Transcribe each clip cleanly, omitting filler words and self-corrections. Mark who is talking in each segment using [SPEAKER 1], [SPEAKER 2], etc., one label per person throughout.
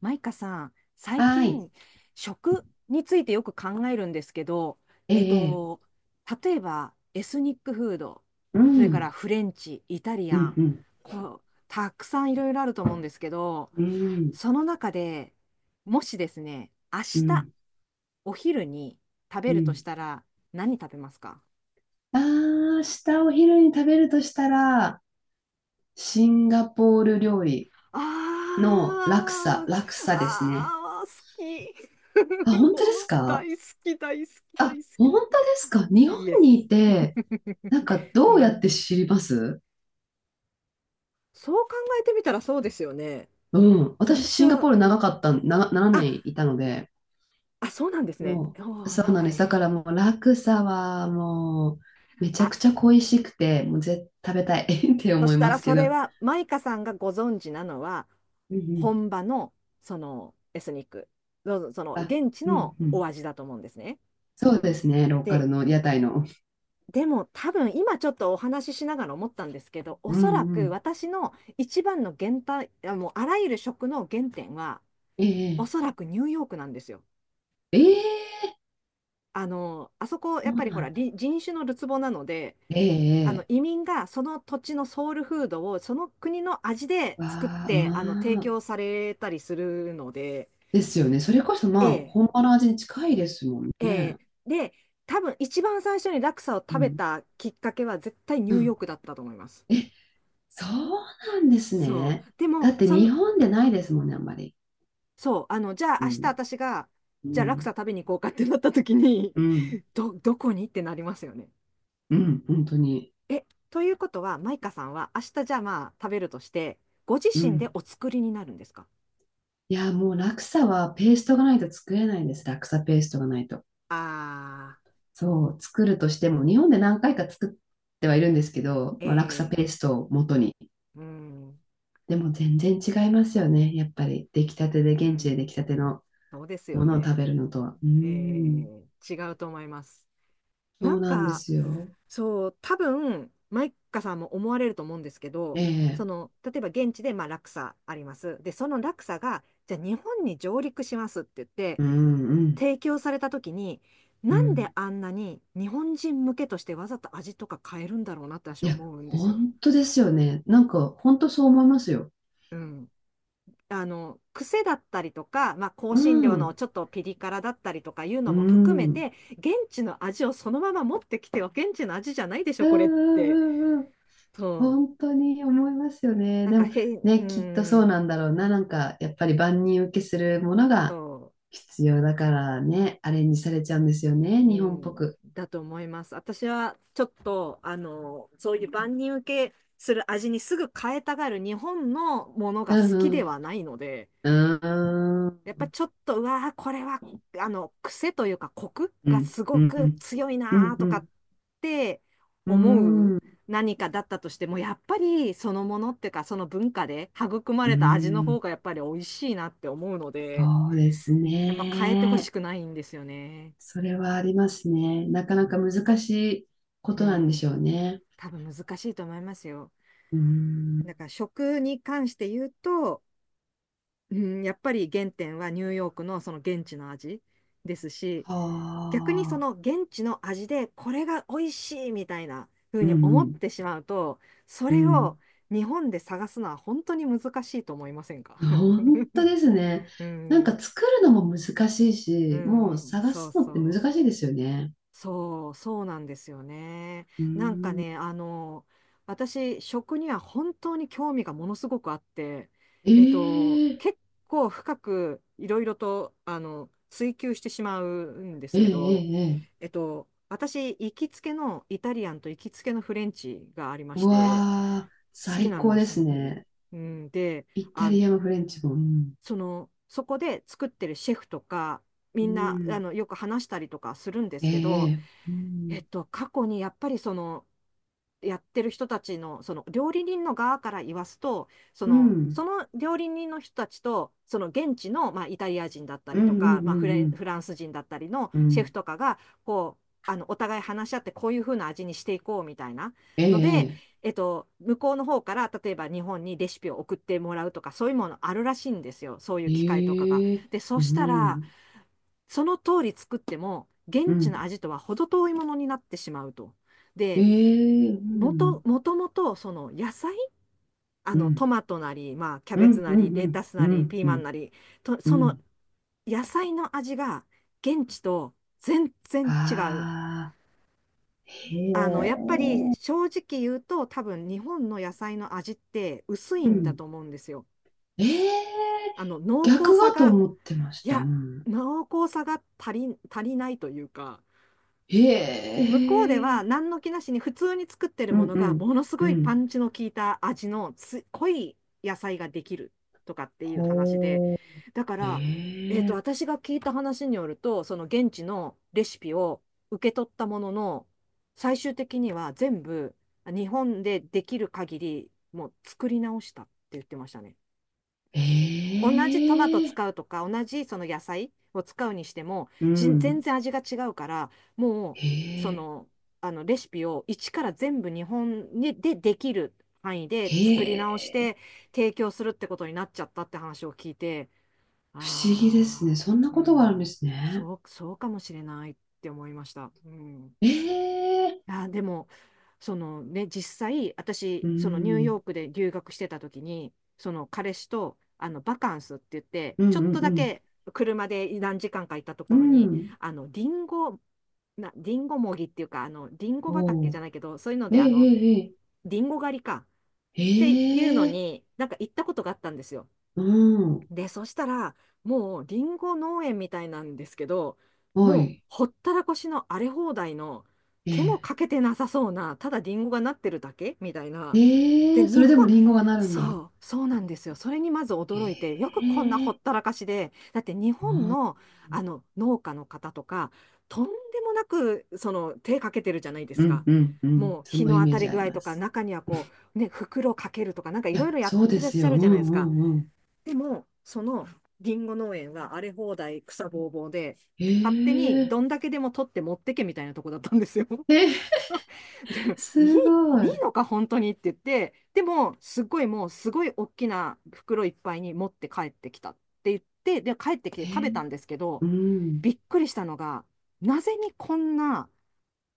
[SPEAKER 1] マイカさん、最
[SPEAKER 2] はい。
[SPEAKER 1] 近、食についてよく考えるんですけど、
[SPEAKER 2] え
[SPEAKER 1] えっ
[SPEAKER 2] え、ええ。
[SPEAKER 1] と、例えば、エスニックフード、
[SPEAKER 2] う
[SPEAKER 1] それから
[SPEAKER 2] ん、
[SPEAKER 1] フレンチ、イタリ
[SPEAKER 2] う
[SPEAKER 1] ア
[SPEAKER 2] ん、
[SPEAKER 1] ン、
[SPEAKER 2] うん、
[SPEAKER 1] たくさんいろいろあると思うんですけど、その中でもしですね、明
[SPEAKER 2] う
[SPEAKER 1] 日、
[SPEAKER 2] ん、
[SPEAKER 1] お昼に食
[SPEAKER 2] う
[SPEAKER 1] べるとし
[SPEAKER 2] ん。
[SPEAKER 1] たら、何食べますか？
[SPEAKER 2] ああー、下お昼に食べるとしたら、シンガポール料理
[SPEAKER 1] あ
[SPEAKER 2] のラクサ、
[SPEAKER 1] ー、
[SPEAKER 2] ラクサですね。
[SPEAKER 1] あー、好き。
[SPEAKER 2] あ、本当ですか？
[SPEAKER 1] 大好き、大好き、大
[SPEAKER 2] あ、
[SPEAKER 1] 好
[SPEAKER 2] 本当ですか？日
[SPEAKER 1] き。
[SPEAKER 2] 本
[SPEAKER 1] イエ
[SPEAKER 2] に
[SPEAKER 1] ス。
[SPEAKER 2] いて、なんかどうや
[SPEAKER 1] な
[SPEAKER 2] って知ります？
[SPEAKER 1] そう考えてみたらそうですよね。
[SPEAKER 2] うん。私、
[SPEAKER 1] 私
[SPEAKER 2] シンガポー
[SPEAKER 1] は、
[SPEAKER 2] ル長かった、7
[SPEAKER 1] あ、
[SPEAKER 2] 年いたので、
[SPEAKER 1] あ、そうなんですね。
[SPEAKER 2] も
[SPEAKER 1] お
[SPEAKER 2] う、
[SPEAKER 1] ー
[SPEAKER 2] そうなん
[SPEAKER 1] 長
[SPEAKER 2] です。
[SPEAKER 1] い。
[SPEAKER 2] だからもう、落差はもう、めちゃ
[SPEAKER 1] あ、
[SPEAKER 2] くちゃ恋しくて、もう絶食べたい って
[SPEAKER 1] そ
[SPEAKER 2] 思
[SPEAKER 1] し
[SPEAKER 2] い
[SPEAKER 1] た
[SPEAKER 2] ま
[SPEAKER 1] ら
[SPEAKER 2] す
[SPEAKER 1] そ
[SPEAKER 2] け
[SPEAKER 1] れ
[SPEAKER 2] ど。
[SPEAKER 1] は、マイカさんがご存知なのは、
[SPEAKER 2] うんうん。
[SPEAKER 1] 本場の、エスニック、その、
[SPEAKER 2] あ、
[SPEAKER 1] 現地
[SPEAKER 2] うん
[SPEAKER 1] の
[SPEAKER 2] う
[SPEAKER 1] お
[SPEAKER 2] ん。
[SPEAKER 1] 味だと思うんですね。
[SPEAKER 2] そうですね、ローカ
[SPEAKER 1] で、
[SPEAKER 2] ルの屋台の。
[SPEAKER 1] でも多分、今ちょっとお話ししながら思ったんですけど、お
[SPEAKER 2] う
[SPEAKER 1] そら
[SPEAKER 2] んう
[SPEAKER 1] く
[SPEAKER 2] ん。
[SPEAKER 1] 私の一番の原体、あもうあらゆる食の原点は、
[SPEAKER 2] え
[SPEAKER 1] おそ
[SPEAKER 2] え
[SPEAKER 1] らくニューヨークなんですよ。
[SPEAKER 2] ええ、
[SPEAKER 1] あそこ、や
[SPEAKER 2] そ
[SPEAKER 1] っ
[SPEAKER 2] う
[SPEAKER 1] ぱりほ
[SPEAKER 2] な
[SPEAKER 1] ら、
[SPEAKER 2] んだ。
[SPEAKER 1] 人種のるつぼなので、
[SPEAKER 2] ええええ、
[SPEAKER 1] 移民がその土地のソウルフードをその国の味で作っ
[SPEAKER 2] わあ、う
[SPEAKER 1] て、提
[SPEAKER 2] わあ。
[SPEAKER 1] 供されたりするので、
[SPEAKER 2] ですよね。それこそ
[SPEAKER 1] え
[SPEAKER 2] まあ、
[SPEAKER 1] え、
[SPEAKER 2] 本場の味に近いですもん
[SPEAKER 1] え
[SPEAKER 2] ね。
[SPEAKER 1] え。で、多分一番最初にラクサを
[SPEAKER 2] う
[SPEAKER 1] 食べ
[SPEAKER 2] ん。
[SPEAKER 1] たきっかけは絶対ニ
[SPEAKER 2] う
[SPEAKER 1] ューヨ
[SPEAKER 2] ん。
[SPEAKER 1] ークだったと思います。
[SPEAKER 2] え、そうなんです
[SPEAKER 1] そう。
[SPEAKER 2] ね。
[SPEAKER 1] で
[SPEAKER 2] だ
[SPEAKER 1] も、
[SPEAKER 2] って
[SPEAKER 1] そ
[SPEAKER 2] 日
[SPEAKER 1] の、
[SPEAKER 2] 本でないですもんね、あんまり。
[SPEAKER 1] そう、じゃあ明
[SPEAKER 2] う
[SPEAKER 1] 日
[SPEAKER 2] ん。
[SPEAKER 1] 私が、
[SPEAKER 2] う
[SPEAKER 1] じゃあラクサ
[SPEAKER 2] ん。
[SPEAKER 1] 食べに行こうかってなった時に、
[SPEAKER 2] うん。
[SPEAKER 1] どこにってなりますよね。
[SPEAKER 2] うん、本当に。
[SPEAKER 1] え、ということは、マイカさんは明日じゃあまあ食べるとして、ご自
[SPEAKER 2] う
[SPEAKER 1] 身で
[SPEAKER 2] ん。
[SPEAKER 1] お作りになるんですか？
[SPEAKER 2] いや、もうラクサはペーストがないと作れないんです。ラクサペーストがないと。
[SPEAKER 1] あ
[SPEAKER 2] そう、作るとしても、日本で何回か作ってはいるんですけど、
[SPEAKER 1] あー、
[SPEAKER 2] まあ、ラクサ
[SPEAKER 1] え
[SPEAKER 2] ペーストを元に。
[SPEAKER 1] ー、うん、
[SPEAKER 2] でも全然違いますよね。やっぱり出来たてで、
[SPEAKER 1] う
[SPEAKER 2] 現地で
[SPEAKER 1] ん、
[SPEAKER 2] 出来たての
[SPEAKER 1] そうですよ
[SPEAKER 2] ものを食
[SPEAKER 1] ね。
[SPEAKER 2] べるのとは。うん、
[SPEAKER 1] えー、違うと思います。
[SPEAKER 2] そ
[SPEAKER 1] な
[SPEAKER 2] う
[SPEAKER 1] ん
[SPEAKER 2] なんで
[SPEAKER 1] か、
[SPEAKER 2] すよ。
[SPEAKER 1] そう、多分、マイカさんも思われると思うんですけ
[SPEAKER 2] え
[SPEAKER 1] ど、そ
[SPEAKER 2] え、
[SPEAKER 1] の、例えば現地でまあ落差あります。で、その落差が、じゃあ日本に上陸しますって言って、
[SPEAKER 2] うん、うん、
[SPEAKER 1] 提供された時に、
[SPEAKER 2] う
[SPEAKER 1] なんで
[SPEAKER 2] ん。
[SPEAKER 1] あんなに日本人向けとしてわざと味とか変えるんだろうなって私
[SPEAKER 2] い
[SPEAKER 1] は
[SPEAKER 2] や、
[SPEAKER 1] 思うんですよ。
[SPEAKER 2] 本当ですよね。なんか、本当そう思いますよ。
[SPEAKER 1] うん。癖だったりとか、まあ、香
[SPEAKER 2] う
[SPEAKER 1] 辛料の
[SPEAKER 2] ん、
[SPEAKER 1] ちょっとピリ辛だったりとかいう
[SPEAKER 2] う
[SPEAKER 1] のも含め
[SPEAKER 2] ん、うん、
[SPEAKER 1] て、現地の味をそのまま持ってきては現地の味じゃないでし
[SPEAKER 2] う
[SPEAKER 1] ょ、これって。
[SPEAKER 2] ん、うん。うん、
[SPEAKER 1] そう。
[SPEAKER 2] 本当に思いますよね。
[SPEAKER 1] なん
[SPEAKER 2] で
[SPEAKER 1] か
[SPEAKER 2] も
[SPEAKER 1] 変、うー
[SPEAKER 2] ね、きっとそう
[SPEAKER 1] ん、
[SPEAKER 2] なんだろうな。なんか、やっぱり万人受けするもの
[SPEAKER 1] そ
[SPEAKER 2] が
[SPEAKER 1] う。
[SPEAKER 2] 必要だからね、アレンジされちゃうんですよ
[SPEAKER 1] う
[SPEAKER 2] ね、日本っぽ
[SPEAKER 1] ん、
[SPEAKER 2] く。
[SPEAKER 1] だと思います。私はちょっと、そういう万人受けする味にすぐ変えたがる日本のもの
[SPEAKER 2] う
[SPEAKER 1] が好きで
[SPEAKER 2] ん、
[SPEAKER 1] はないので、
[SPEAKER 2] うん、う
[SPEAKER 1] やっ
[SPEAKER 2] ー
[SPEAKER 1] ぱ
[SPEAKER 2] ん、
[SPEAKER 1] ちょっと、うわー、これは、癖というか、コク
[SPEAKER 2] う
[SPEAKER 1] が
[SPEAKER 2] ん、
[SPEAKER 1] す
[SPEAKER 2] う
[SPEAKER 1] ご
[SPEAKER 2] ん、
[SPEAKER 1] く強い
[SPEAKER 2] う
[SPEAKER 1] なー
[SPEAKER 2] ん、う
[SPEAKER 1] とかっ
[SPEAKER 2] ん、
[SPEAKER 1] て
[SPEAKER 2] う
[SPEAKER 1] 思う
[SPEAKER 2] ん、
[SPEAKER 1] 何かだったとしても、やっぱりそのものっていうか、その文化で育ま
[SPEAKER 2] う
[SPEAKER 1] れた味の
[SPEAKER 2] ん、
[SPEAKER 1] 方がやっぱり美味しいなって思うので、
[SPEAKER 2] そうです
[SPEAKER 1] やっぱ変えてほし
[SPEAKER 2] ね。
[SPEAKER 1] くないんですよね。
[SPEAKER 2] それはありますね。なかなか難しいこ
[SPEAKER 1] う
[SPEAKER 2] となんでし
[SPEAKER 1] ん。
[SPEAKER 2] ょうね。
[SPEAKER 1] 多分難しいと思いますよ。
[SPEAKER 2] う
[SPEAKER 1] だ
[SPEAKER 2] ん、
[SPEAKER 1] から食に関して言うと、うん、やっぱり原点はニューヨークのその現地の味ですし、逆にそ
[SPEAKER 2] はあ、
[SPEAKER 1] の現地の味でこれが美味しいみたいな風
[SPEAKER 2] うん、
[SPEAKER 1] に
[SPEAKER 2] う
[SPEAKER 1] 思っ
[SPEAKER 2] ん、
[SPEAKER 1] てしまうと、そ
[SPEAKER 2] う
[SPEAKER 1] れを
[SPEAKER 2] ん。
[SPEAKER 1] 日本で探すのは本当に難しいと思いませんか？
[SPEAKER 2] 本当 ですね。
[SPEAKER 1] う
[SPEAKER 2] なん
[SPEAKER 1] ん、
[SPEAKER 2] か作るのも難しい
[SPEAKER 1] う
[SPEAKER 2] し、もう
[SPEAKER 1] ん、
[SPEAKER 2] 探
[SPEAKER 1] そう
[SPEAKER 2] すのって
[SPEAKER 1] そう。
[SPEAKER 2] 難しいですよね。
[SPEAKER 1] そう、そうなんですよね。
[SPEAKER 2] う
[SPEAKER 1] なんか
[SPEAKER 2] ー
[SPEAKER 1] ね、
[SPEAKER 2] ん。
[SPEAKER 1] 私、食には本当に興味がものすごくあって、
[SPEAKER 2] ええ
[SPEAKER 1] 結構深くいろいろと、追求してしまうんです
[SPEAKER 2] ええ
[SPEAKER 1] け
[SPEAKER 2] え
[SPEAKER 1] ど、
[SPEAKER 2] え、ええ、
[SPEAKER 1] 私、行きつけのイタリアンと行きつけのフレンチがありま
[SPEAKER 2] う
[SPEAKER 1] し
[SPEAKER 2] わ
[SPEAKER 1] て、
[SPEAKER 2] あ、
[SPEAKER 1] 好き
[SPEAKER 2] 最
[SPEAKER 1] なん
[SPEAKER 2] 高
[SPEAKER 1] で
[SPEAKER 2] で
[SPEAKER 1] すよ。
[SPEAKER 2] すね。
[SPEAKER 1] うん、で、
[SPEAKER 2] イタ
[SPEAKER 1] あ、
[SPEAKER 2] リアもフレンチも。うん。
[SPEAKER 1] その、そこで作ってるシェフとか、
[SPEAKER 2] う
[SPEAKER 1] みんな、
[SPEAKER 2] ん。
[SPEAKER 1] よく話したりとかするんで
[SPEAKER 2] え
[SPEAKER 1] す
[SPEAKER 2] え
[SPEAKER 1] け
[SPEAKER 2] え
[SPEAKER 1] ど、
[SPEAKER 2] え、うん。
[SPEAKER 1] 過去にやっぱりその、やってる人たちの、その料理人の側から言わすと、
[SPEAKER 2] うん。
[SPEAKER 1] その料理人の人たちと、その現地の、まあ、イタリア人だった
[SPEAKER 2] う
[SPEAKER 1] り
[SPEAKER 2] ん。
[SPEAKER 1] と
[SPEAKER 2] うん。
[SPEAKER 1] か、まあ、フレ
[SPEAKER 2] う
[SPEAKER 1] ン、
[SPEAKER 2] ん。
[SPEAKER 1] フランス人だったりの
[SPEAKER 2] う
[SPEAKER 1] シェフ
[SPEAKER 2] ん。
[SPEAKER 1] とかが、お互い話し合って、こういう風な味にしていこうみたいなので、
[SPEAKER 2] ええ
[SPEAKER 1] 向こうの方から、例えば日本にレシピを送ってもらうとか、そういうものあるらしいんですよ。そういう
[SPEAKER 2] え
[SPEAKER 1] 機会とかが。
[SPEAKER 2] えええ、
[SPEAKER 1] で、そ
[SPEAKER 2] う
[SPEAKER 1] したら、
[SPEAKER 2] ん。
[SPEAKER 1] その通り作っても、現
[SPEAKER 2] う
[SPEAKER 1] 地の
[SPEAKER 2] ん。
[SPEAKER 1] 味とは程遠いものになってしまうと。
[SPEAKER 2] え
[SPEAKER 1] で、
[SPEAKER 2] え、うん。
[SPEAKER 1] もともとその野菜、あ
[SPEAKER 2] う
[SPEAKER 1] のト
[SPEAKER 2] ん。
[SPEAKER 1] マトなり、まあ、キャ
[SPEAKER 2] う
[SPEAKER 1] ベツ
[SPEAKER 2] ん。
[SPEAKER 1] な
[SPEAKER 2] う
[SPEAKER 1] り、レ
[SPEAKER 2] ん。
[SPEAKER 1] タス
[SPEAKER 2] う
[SPEAKER 1] なり、
[SPEAKER 2] ん。
[SPEAKER 1] ピー
[SPEAKER 2] う
[SPEAKER 1] マン
[SPEAKER 2] ん。
[SPEAKER 1] なり、と
[SPEAKER 2] う
[SPEAKER 1] その
[SPEAKER 2] ん。
[SPEAKER 1] 野菜の味が現地と全然違う。
[SPEAKER 2] ああ。へ
[SPEAKER 1] やっ
[SPEAKER 2] え。
[SPEAKER 1] ぱり正直言うと多分日本の野菜の味って薄い
[SPEAKER 2] う
[SPEAKER 1] んだ
[SPEAKER 2] ん。
[SPEAKER 1] と思うんですよ。
[SPEAKER 2] ええ、
[SPEAKER 1] あの濃
[SPEAKER 2] 逆
[SPEAKER 1] 厚さ
[SPEAKER 2] はと
[SPEAKER 1] が、
[SPEAKER 2] 思ってまし
[SPEAKER 1] い
[SPEAKER 2] た。う
[SPEAKER 1] や、
[SPEAKER 2] ん。
[SPEAKER 1] 濃厚さが足り、足りないというか、
[SPEAKER 2] へ
[SPEAKER 1] 向こうでは
[SPEAKER 2] え。
[SPEAKER 1] 何の気なしに普通に作ってる
[SPEAKER 2] う
[SPEAKER 1] も
[SPEAKER 2] ん
[SPEAKER 1] の
[SPEAKER 2] う
[SPEAKER 1] が
[SPEAKER 2] ん。
[SPEAKER 1] ものす
[SPEAKER 2] う
[SPEAKER 1] ごいパ
[SPEAKER 2] ん。
[SPEAKER 1] ンチの効いた味の濃い野菜ができるとかっていう話で、
[SPEAKER 2] ほう。
[SPEAKER 1] だから、
[SPEAKER 2] ええ。
[SPEAKER 1] 私が聞いた話によると、その現地のレシピを受け取ったものの、最終的には全部日本でできる限りもう作り直したって言ってましたね。
[SPEAKER 2] え
[SPEAKER 1] 同じトマト
[SPEAKER 2] え。
[SPEAKER 1] 使うとか、同じその野菜を使うにしても、
[SPEAKER 2] う
[SPEAKER 1] 全
[SPEAKER 2] ん。
[SPEAKER 1] 然味が違うから、も
[SPEAKER 2] へ
[SPEAKER 1] う、
[SPEAKER 2] え。
[SPEAKER 1] レシピを一から全部日本にでできる範囲で作り
[SPEAKER 2] へ
[SPEAKER 1] 直し
[SPEAKER 2] え。
[SPEAKER 1] て、提供するってことになっちゃったって話を聞いて、
[SPEAKER 2] 不思議ですね。
[SPEAKER 1] ああ、
[SPEAKER 2] そんな
[SPEAKER 1] う
[SPEAKER 2] ことがあるんで
[SPEAKER 1] ん、
[SPEAKER 2] すね。
[SPEAKER 1] そう、そうかもしれないって思いました。うん。
[SPEAKER 2] ええ。
[SPEAKER 1] あー、でも、そのね、実際、
[SPEAKER 2] う
[SPEAKER 1] 私、そのニューヨ
[SPEAKER 2] ん。
[SPEAKER 1] ークで留学してた時に、その彼氏と、バカンスって言って、
[SPEAKER 2] う
[SPEAKER 1] ちょっ
[SPEAKER 2] ん
[SPEAKER 1] と
[SPEAKER 2] う
[SPEAKER 1] だ
[SPEAKER 2] ん
[SPEAKER 1] け車で何時間かいたと
[SPEAKER 2] う
[SPEAKER 1] ころ
[SPEAKER 2] ん。う
[SPEAKER 1] に、
[SPEAKER 2] ん。
[SPEAKER 1] あの、リンゴもぎっていうか、リンゴ畑
[SPEAKER 2] お
[SPEAKER 1] じゃ
[SPEAKER 2] う。
[SPEAKER 1] ないけど、そういうの
[SPEAKER 2] え
[SPEAKER 1] で、
[SPEAKER 2] え、え
[SPEAKER 1] リンゴ狩りか
[SPEAKER 2] え、え
[SPEAKER 1] っていうの
[SPEAKER 2] え。ええ。
[SPEAKER 1] に、なんか行ったことがあったんですよ。
[SPEAKER 2] うん。
[SPEAKER 1] で、そしたら、もうリンゴ農園みたいなんですけど、
[SPEAKER 2] は
[SPEAKER 1] もう
[SPEAKER 2] い。
[SPEAKER 1] ほったらかしの荒れ放題の、
[SPEAKER 2] え
[SPEAKER 1] 手も
[SPEAKER 2] え。
[SPEAKER 1] かけてなさそうな、ただリンゴがなってるだけみたいな。
[SPEAKER 2] え
[SPEAKER 1] で、
[SPEAKER 2] え、そ
[SPEAKER 1] 日
[SPEAKER 2] れ
[SPEAKER 1] 本、
[SPEAKER 2] でもリンゴがなるんだ。
[SPEAKER 1] そう、そうなんですよ。それにまず驚いて、よく
[SPEAKER 2] え
[SPEAKER 1] こんなほっ
[SPEAKER 2] え、
[SPEAKER 1] たらかしで、だって日
[SPEAKER 2] う
[SPEAKER 1] 本
[SPEAKER 2] ん、
[SPEAKER 1] の、農家の方とか、とんでもなくその手かけてるじゃないで
[SPEAKER 2] う
[SPEAKER 1] す
[SPEAKER 2] ん
[SPEAKER 1] か。
[SPEAKER 2] うんうん。
[SPEAKER 1] もう
[SPEAKER 2] そ
[SPEAKER 1] 日
[SPEAKER 2] の
[SPEAKER 1] の
[SPEAKER 2] イ
[SPEAKER 1] 当
[SPEAKER 2] メー
[SPEAKER 1] たり
[SPEAKER 2] ジあ
[SPEAKER 1] 具
[SPEAKER 2] り
[SPEAKER 1] 合と
[SPEAKER 2] ま
[SPEAKER 1] か、
[SPEAKER 2] す。
[SPEAKER 1] 中にはね、袋かけるとか、なんかい
[SPEAKER 2] い
[SPEAKER 1] ろい
[SPEAKER 2] や、
[SPEAKER 1] ろやっ
[SPEAKER 2] そうで
[SPEAKER 1] てらっ
[SPEAKER 2] す
[SPEAKER 1] しゃ
[SPEAKER 2] よ。う
[SPEAKER 1] る
[SPEAKER 2] ん
[SPEAKER 1] じゃないです
[SPEAKER 2] う
[SPEAKER 1] か。
[SPEAKER 2] んうん。
[SPEAKER 1] でも、そのリンゴ農園は荒れ放題草ぼうぼうで、勝手に
[SPEAKER 2] ええ、
[SPEAKER 1] どんだけでも取って持ってけみたいなとこだったんですよ。
[SPEAKER 2] え、
[SPEAKER 1] で、いい、
[SPEAKER 2] すごい。
[SPEAKER 1] いい
[SPEAKER 2] え
[SPEAKER 1] のか本当にって言って、でも、すごいもう、すごい大きな袋いっぱいに持って帰ってきたって言って、で、帰ってきて食べ
[SPEAKER 2] え、
[SPEAKER 1] たんですけど、
[SPEAKER 2] うん。
[SPEAKER 1] びっくりしたのが、なぜにこんな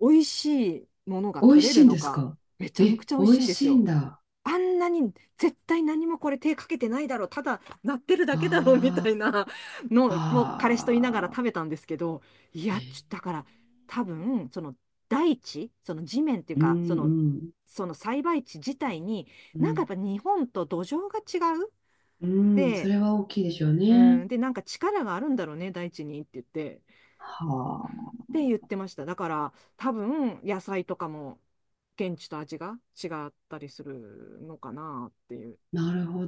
[SPEAKER 1] 美味しいものが
[SPEAKER 2] 美味
[SPEAKER 1] 取れ
[SPEAKER 2] し
[SPEAKER 1] る
[SPEAKER 2] いん
[SPEAKER 1] の
[SPEAKER 2] です
[SPEAKER 1] か、
[SPEAKER 2] か？
[SPEAKER 1] めちゃく
[SPEAKER 2] え、
[SPEAKER 1] ちゃ美
[SPEAKER 2] 美
[SPEAKER 1] 味し
[SPEAKER 2] 味
[SPEAKER 1] いんです
[SPEAKER 2] しいん
[SPEAKER 1] よ。
[SPEAKER 2] だ。
[SPEAKER 1] あんなに絶対何もこれ手かけてないだろう、ただ鳴ってるだけだろうみ
[SPEAKER 2] あ
[SPEAKER 1] たいな
[SPEAKER 2] ー
[SPEAKER 1] のを彼氏と言いながら
[SPEAKER 2] あ
[SPEAKER 1] 食べたんですけど、いや、
[SPEAKER 2] ー。ええ、
[SPEAKER 1] だから多分、その大地、その地面っていう
[SPEAKER 2] うんう
[SPEAKER 1] か、その、
[SPEAKER 2] ん。
[SPEAKER 1] その栽培地自体に、
[SPEAKER 2] う
[SPEAKER 1] なんかやっ
[SPEAKER 2] ん、
[SPEAKER 1] ぱ日本と土壌が違う。
[SPEAKER 2] うん、そ
[SPEAKER 1] で、
[SPEAKER 2] れは大きいでしょう
[SPEAKER 1] う
[SPEAKER 2] ね。
[SPEAKER 1] ん、で、なんか力があるんだろうね、大地にって言って、
[SPEAKER 2] は
[SPEAKER 1] っ
[SPEAKER 2] あ。
[SPEAKER 1] て言ってました。だから多分野菜とかも現地と味が違ったりするのかなっていう。
[SPEAKER 2] なるほ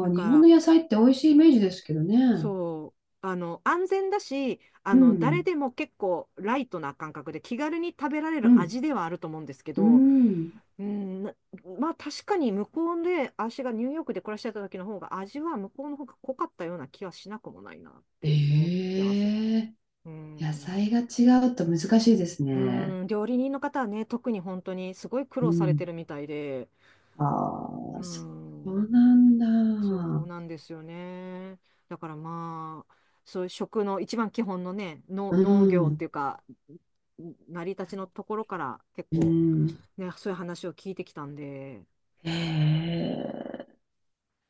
[SPEAKER 1] なん
[SPEAKER 2] 日本
[SPEAKER 1] か
[SPEAKER 2] の野菜って美味しいイメージですけどね。
[SPEAKER 1] そう。安全だし、
[SPEAKER 2] う
[SPEAKER 1] 誰
[SPEAKER 2] ん、
[SPEAKER 1] でも結構ライトな感覚で気軽に食べられ
[SPEAKER 2] う
[SPEAKER 1] る
[SPEAKER 2] ん、
[SPEAKER 1] 味ではあると思うんですけ
[SPEAKER 2] う
[SPEAKER 1] ど、
[SPEAKER 2] ん。
[SPEAKER 1] うん、なまあ確かに向こうで、私がニューヨークで暮らしてた時の方が味は向こうの方が濃かったような気はしなくもないなって思ってます。
[SPEAKER 2] ええ、
[SPEAKER 1] う
[SPEAKER 2] 野
[SPEAKER 1] ん。
[SPEAKER 2] 菜が違うと難しいです
[SPEAKER 1] う
[SPEAKER 2] ね。
[SPEAKER 1] ん、料理人の方はね、特に本当にすごい苦
[SPEAKER 2] う
[SPEAKER 1] 労されて
[SPEAKER 2] ん。
[SPEAKER 1] るみたいで、
[SPEAKER 2] あ
[SPEAKER 1] う
[SPEAKER 2] あ、そうな
[SPEAKER 1] ん。
[SPEAKER 2] んだ。
[SPEAKER 1] そうなんですよね。だからまあ、そういう食の一番基本のね、の
[SPEAKER 2] う
[SPEAKER 1] 農業っ
[SPEAKER 2] ん、
[SPEAKER 1] ていうか、成り立ちのところから結
[SPEAKER 2] う
[SPEAKER 1] 構、
[SPEAKER 2] ん。
[SPEAKER 1] ね、そういう話を聞いてきたんで、
[SPEAKER 2] ええ、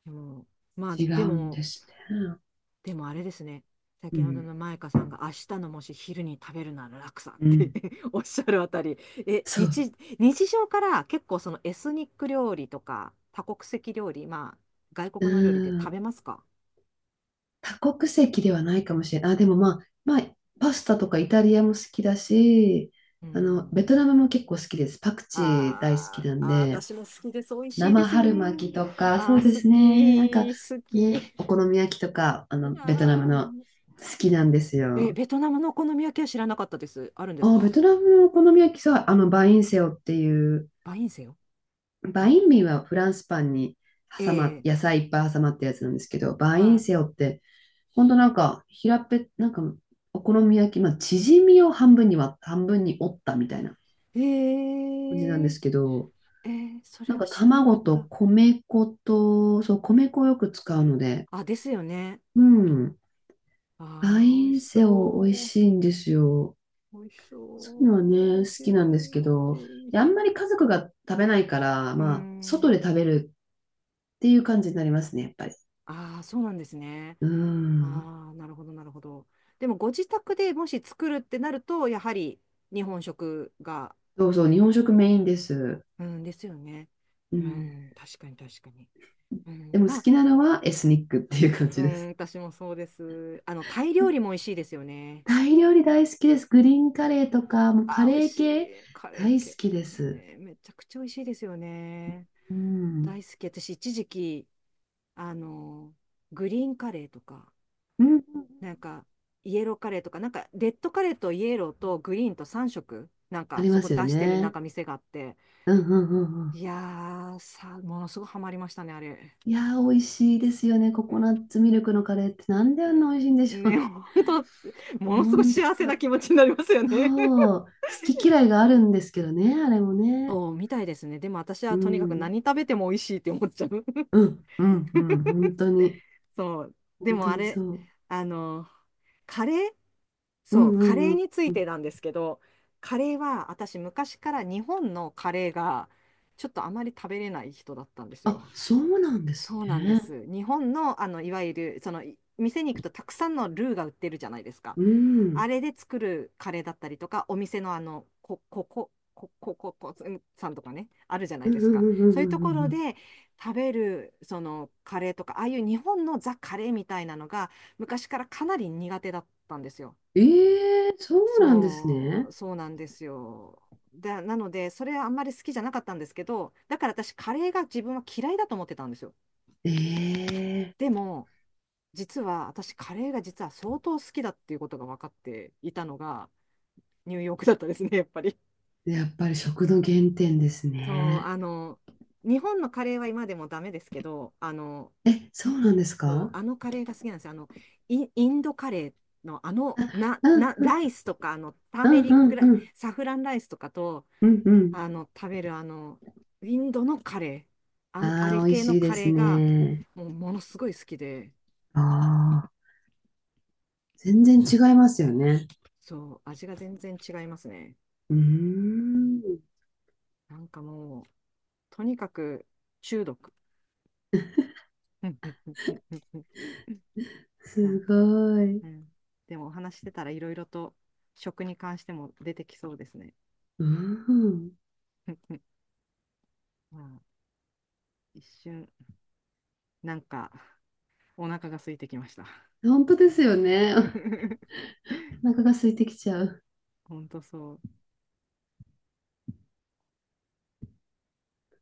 [SPEAKER 1] でも、まあ、
[SPEAKER 2] 違
[SPEAKER 1] で
[SPEAKER 2] うん
[SPEAKER 1] も、
[SPEAKER 2] ですね。
[SPEAKER 1] でもあれですね。
[SPEAKER 2] う
[SPEAKER 1] 先ほど
[SPEAKER 2] ん、
[SPEAKER 1] のマイカさんが明日のもし昼に食べるなら楽さん
[SPEAKER 2] う
[SPEAKER 1] って
[SPEAKER 2] ん。
[SPEAKER 1] おっしゃるあたり、え、
[SPEAKER 2] そう。
[SPEAKER 1] 日、日常から結構そのエスニック料理とか多国籍料理、まあ外
[SPEAKER 2] う
[SPEAKER 1] 国の料理って食
[SPEAKER 2] ん、
[SPEAKER 1] べますか？
[SPEAKER 2] 多国籍ではないかもしれない。あ、でもまあ、まあ、パスタとかイタリアも好きだし、
[SPEAKER 1] う
[SPEAKER 2] あの、
[SPEAKER 1] ん。
[SPEAKER 2] ベトナムも結構好きです。パクチー大好き
[SPEAKER 1] あ
[SPEAKER 2] な
[SPEAKER 1] ー
[SPEAKER 2] ん
[SPEAKER 1] あー、
[SPEAKER 2] で、
[SPEAKER 1] 私も好きです。美味しいで
[SPEAKER 2] 生
[SPEAKER 1] すよ
[SPEAKER 2] 春
[SPEAKER 1] ね。
[SPEAKER 2] 巻きとか、そ
[SPEAKER 1] あ
[SPEAKER 2] う
[SPEAKER 1] ー、
[SPEAKER 2] で
[SPEAKER 1] 好
[SPEAKER 2] すね。なんか
[SPEAKER 1] き、好
[SPEAKER 2] ね、
[SPEAKER 1] き。
[SPEAKER 2] お好み焼きとか、あ
[SPEAKER 1] い
[SPEAKER 2] の、ベトナム
[SPEAKER 1] や
[SPEAKER 2] の好きなんです
[SPEAKER 1] え、
[SPEAKER 2] よ。
[SPEAKER 1] ベトナムのお好み焼きは知らなかったです。あるんです
[SPEAKER 2] あ、ベ
[SPEAKER 1] か？
[SPEAKER 2] トナムのお好み焼きさ、あの、バインセオっていう、
[SPEAKER 1] バインセよ。
[SPEAKER 2] バ
[SPEAKER 1] あ、
[SPEAKER 2] インミーはフランスパンに
[SPEAKER 1] ええ、
[SPEAKER 2] 野菜いっぱい挟まったやつなんですけど、バイン
[SPEAKER 1] は
[SPEAKER 2] セオってほんとなんか、平っぺなんか、お好み焼き、まあ、縮みを半分に折ったみたいな
[SPEAKER 1] い。え
[SPEAKER 2] 感じなんで
[SPEAKER 1] え、
[SPEAKER 2] すけど、
[SPEAKER 1] ええ、そ
[SPEAKER 2] な
[SPEAKER 1] れ
[SPEAKER 2] ん
[SPEAKER 1] は
[SPEAKER 2] か
[SPEAKER 1] 知らなか
[SPEAKER 2] 卵
[SPEAKER 1] っ
[SPEAKER 2] と
[SPEAKER 1] た。
[SPEAKER 2] 米粉と、そう、米粉をよく使うので、
[SPEAKER 1] あ、ですよね。
[SPEAKER 2] うん、バ
[SPEAKER 1] ああ、美
[SPEAKER 2] イ
[SPEAKER 1] 味し
[SPEAKER 2] ンセオ美味
[SPEAKER 1] そう。
[SPEAKER 2] しいんですよ。
[SPEAKER 1] 美味しそ
[SPEAKER 2] そういうのはね、
[SPEAKER 1] う。
[SPEAKER 2] 好
[SPEAKER 1] へえ、
[SPEAKER 2] きなんですけ
[SPEAKER 1] へ
[SPEAKER 2] ど、いや
[SPEAKER 1] え、
[SPEAKER 2] あ
[SPEAKER 1] へ
[SPEAKER 2] ん
[SPEAKER 1] え。
[SPEAKER 2] まり家族が食べないから、
[SPEAKER 1] うー
[SPEAKER 2] まあ、外
[SPEAKER 1] ん。
[SPEAKER 2] で食べるっていう感じになりますね、やっぱり。
[SPEAKER 1] ああ、そうなんですね。
[SPEAKER 2] うん。
[SPEAKER 1] ああ、なるほど、なるほど。でも、ご自宅でもし作るってなると、やはり日本食が、
[SPEAKER 2] そうそう、日本食メインです。
[SPEAKER 1] うん、ですよね。
[SPEAKER 2] う
[SPEAKER 1] う
[SPEAKER 2] ん。
[SPEAKER 1] ん、確かに、確かに。う
[SPEAKER 2] で
[SPEAKER 1] ん、
[SPEAKER 2] も好
[SPEAKER 1] まあ、
[SPEAKER 2] きなのはエスニックっていう感
[SPEAKER 1] う
[SPEAKER 2] じで
[SPEAKER 1] ん、
[SPEAKER 2] す。
[SPEAKER 1] 私もそうです。あの、タイ料理も美味しいですよね。
[SPEAKER 2] タイ料理大好きです。グリーンカレーとか、もうカ
[SPEAKER 1] あー美
[SPEAKER 2] レ
[SPEAKER 1] 味
[SPEAKER 2] ー
[SPEAKER 1] し
[SPEAKER 2] 系
[SPEAKER 1] い。カレー
[SPEAKER 2] 大
[SPEAKER 1] 系、
[SPEAKER 2] 好きです。
[SPEAKER 1] ね、めちゃくちゃ美味しいですよね。
[SPEAKER 2] うん。
[SPEAKER 1] 大好き。私、一時期、あの、グリーンカレーとか、
[SPEAKER 2] うん。
[SPEAKER 1] なんか、イエローカレーとか、なんか、レッドカレーとイエローとグリーンと3色、なん
[SPEAKER 2] あ
[SPEAKER 1] か、
[SPEAKER 2] り
[SPEAKER 1] そ
[SPEAKER 2] ま
[SPEAKER 1] こ
[SPEAKER 2] すよ
[SPEAKER 1] 出してるなん
[SPEAKER 2] ね。
[SPEAKER 1] か店があって、
[SPEAKER 2] うんうんうんうん。
[SPEAKER 1] いやものすごいハマりましたね、あれ。
[SPEAKER 2] いやー、美味しいですよね。コ
[SPEAKER 1] う
[SPEAKER 2] コ
[SPEAKER 1] ん、
[SPEAKER 2] ナッツミルクのカレーってなんであん
[SPEAKER 1] ね、
[SPEAKER 2] な美味しいんでしょ
[SPEAKER 1] ね、
[SPEAKER 2] う。
[SPEAKER 1] 本 当、ものすごい
[SPEAKER 2] 本
[SPEAKER 1] 幸せな
[SPEAKER 2] 当、
[SPEAKER 1] 気持ちになりますよね。
[SPEAKER 2] そう。好き嫌いがあるんですけどね、あれもね。
[SPEAKER 1] そう、みたいですね。でも私
[SPEAKER 2] う
[SPEAKER 1] はとにかく
[SPEAKER 2] ん。
[SPEAKER 1] 何食べても美味しいって思っちゃう。
[SPEAKER 2] うん、うん、うん。本当に。
[SPEAKER 1] そう。で
[SPEAKER 2] 本当
[SPEAKER 1] もあ
[SPEAKER 2] にそ
[SPEAKER 1] れ、
[SPEAKER 2] う。
[SPEAKER 1] あの、カレー
[SPEAKER 2] うん、
[SPEAKER 1] そう、
[SPEAKER 2] う
[SPEAKER 1] カレ
[SPEAKER 2] ん、う
[SPEAKER 1] ー
[SPEAKER 2] ん。
[SPEAKER 1] についてなんですけど、カレーは私昔から日本のカレーがちょっとあまり食べれない人だったんです
[SPEAKER 2] あ、
[SPEAKER 1] よ。
[SPEAKER 2] そうなんです
[SPEAKER 1] そうなんで
[SPEAKER 2] ね。
[SPEAKER 1] す。日本の、あの、いわゆる、その、い店に行くとたくさんのルーが売ってるじゃないですか。
[SPEAKER 2] う
[SPEAKER 1] あ
[SPEAKER 2] ん。
[SPEAKER 1] れで作るカレーだったりとか、お店のあの、こ、ここ、こ、こ、こ、こ、うんさんとかね、あるじゃない
[SPEAKER 2] うん、
[SPEAKER 1] で
[SPEAKER 2] う
[SPEAKER 1] す
[SPEAKER 2] ん、
[SPEAKER 1] か。
[SPEAKER 2] うん、う
[SPEAKER 1] そ
[SPEAKER 2] ん、
[SPEAKER 1] う
[SPEAKER 2] う
[SPEAKER 1] いう
[SPEAKER 2] ん。
[SPEAKER 1] と
[SPEAKER 2] う
[SPEAKER 1] こ
[SPEAKER 2] ん
[SPEAKER 1] ろ
[SPEAKER 2] うん、
[SPEAKER 1] で食べる、その、カレーとか、ああいう日本のザ・カレーみたいなのが、昔からかなり苦手だったんですよ。
[SPEAKER 2] ええ、そうなんですね。
[SPEAKER 1] そうなんですよ。なので、それはあんまり好きじゃなかったんですけど、だから私、カレーが自分は嫌いだと思ってたんですよ。
[SPEAKER 2] ええ、
[SPEAKER 1] でも、実は私、カレーが実は相当好きだっていうことが分かっていたのが、ニューヨークだったですね、やっぱり。
[SPEAKER 2] やっぱり食の原点です
[SPEAKER 1] そう、
[SPEAKER 2] ね。
[SPEAKER 1] あの、日本のカレーは今でもダメですけど、あの、
[SPEAKER 2] え、そうなんです
[SPEAKER 1] そう
[SPEAKER 2] か？
[SPEAKER 1] あのカレーが好きなんですよ。あの、インドカレーの、あの、
[SPEAKER 2] うん、
[SPEAKER 1] ライスとか、あの、ター
[SPEAKER 2] う
[SPEAKER 1] メ
[SPEAKER 2] ん、
[SPEAKER 1] リ
[SPEAKER 2] う
[SPEAKER 1] ック
[SPEAKER 2] ん、う
[SPEAKER 1] ラ
[SPEAKER 2] ん、
[SPEAKER 1] サフランライスとかと、
[SPEAKER 2] うん、うん。
[SPEAKER 1] あの、食べるあの、インドのカレー、あ
[SPEAKER 2] あ
[SPEAKER 1] れ
[SPEAKER 2] あ、美味
[SPEAKER 1] 系の
[SPEAKER 2] しいで
[SPEAKER 1] カ
[SPEAKER 2] す
[SPEAKER 1] レーが、
[SPEAKER 2] ね。
[SPEAKER 1] もうものすごい好きで、
[SPEAKER 2] ああ、全然違いますよね。
[SPEAKER 1] そう、味が全然違いますね。
[SPEAKER 2] うーん、
[SPEAKER 1] なんかもう、とにかく中毒。な
[SPEAKER 2] す
[SPEAKER 1] んか、
[SPEAKER 2] ごい。
[SPEAKER 1] うん。でもお話ししてたらいろいろと食に関しても出てきそうですね。
[SPEAKER 2] うん、
[SPEAKER 1] まあ、一瞬、なんか、お腹が空いてきました。
[SPEAKER 2] 本当ですよね。お腹が空いてきちゃう。
[SPEAKER 1] ほんとそう。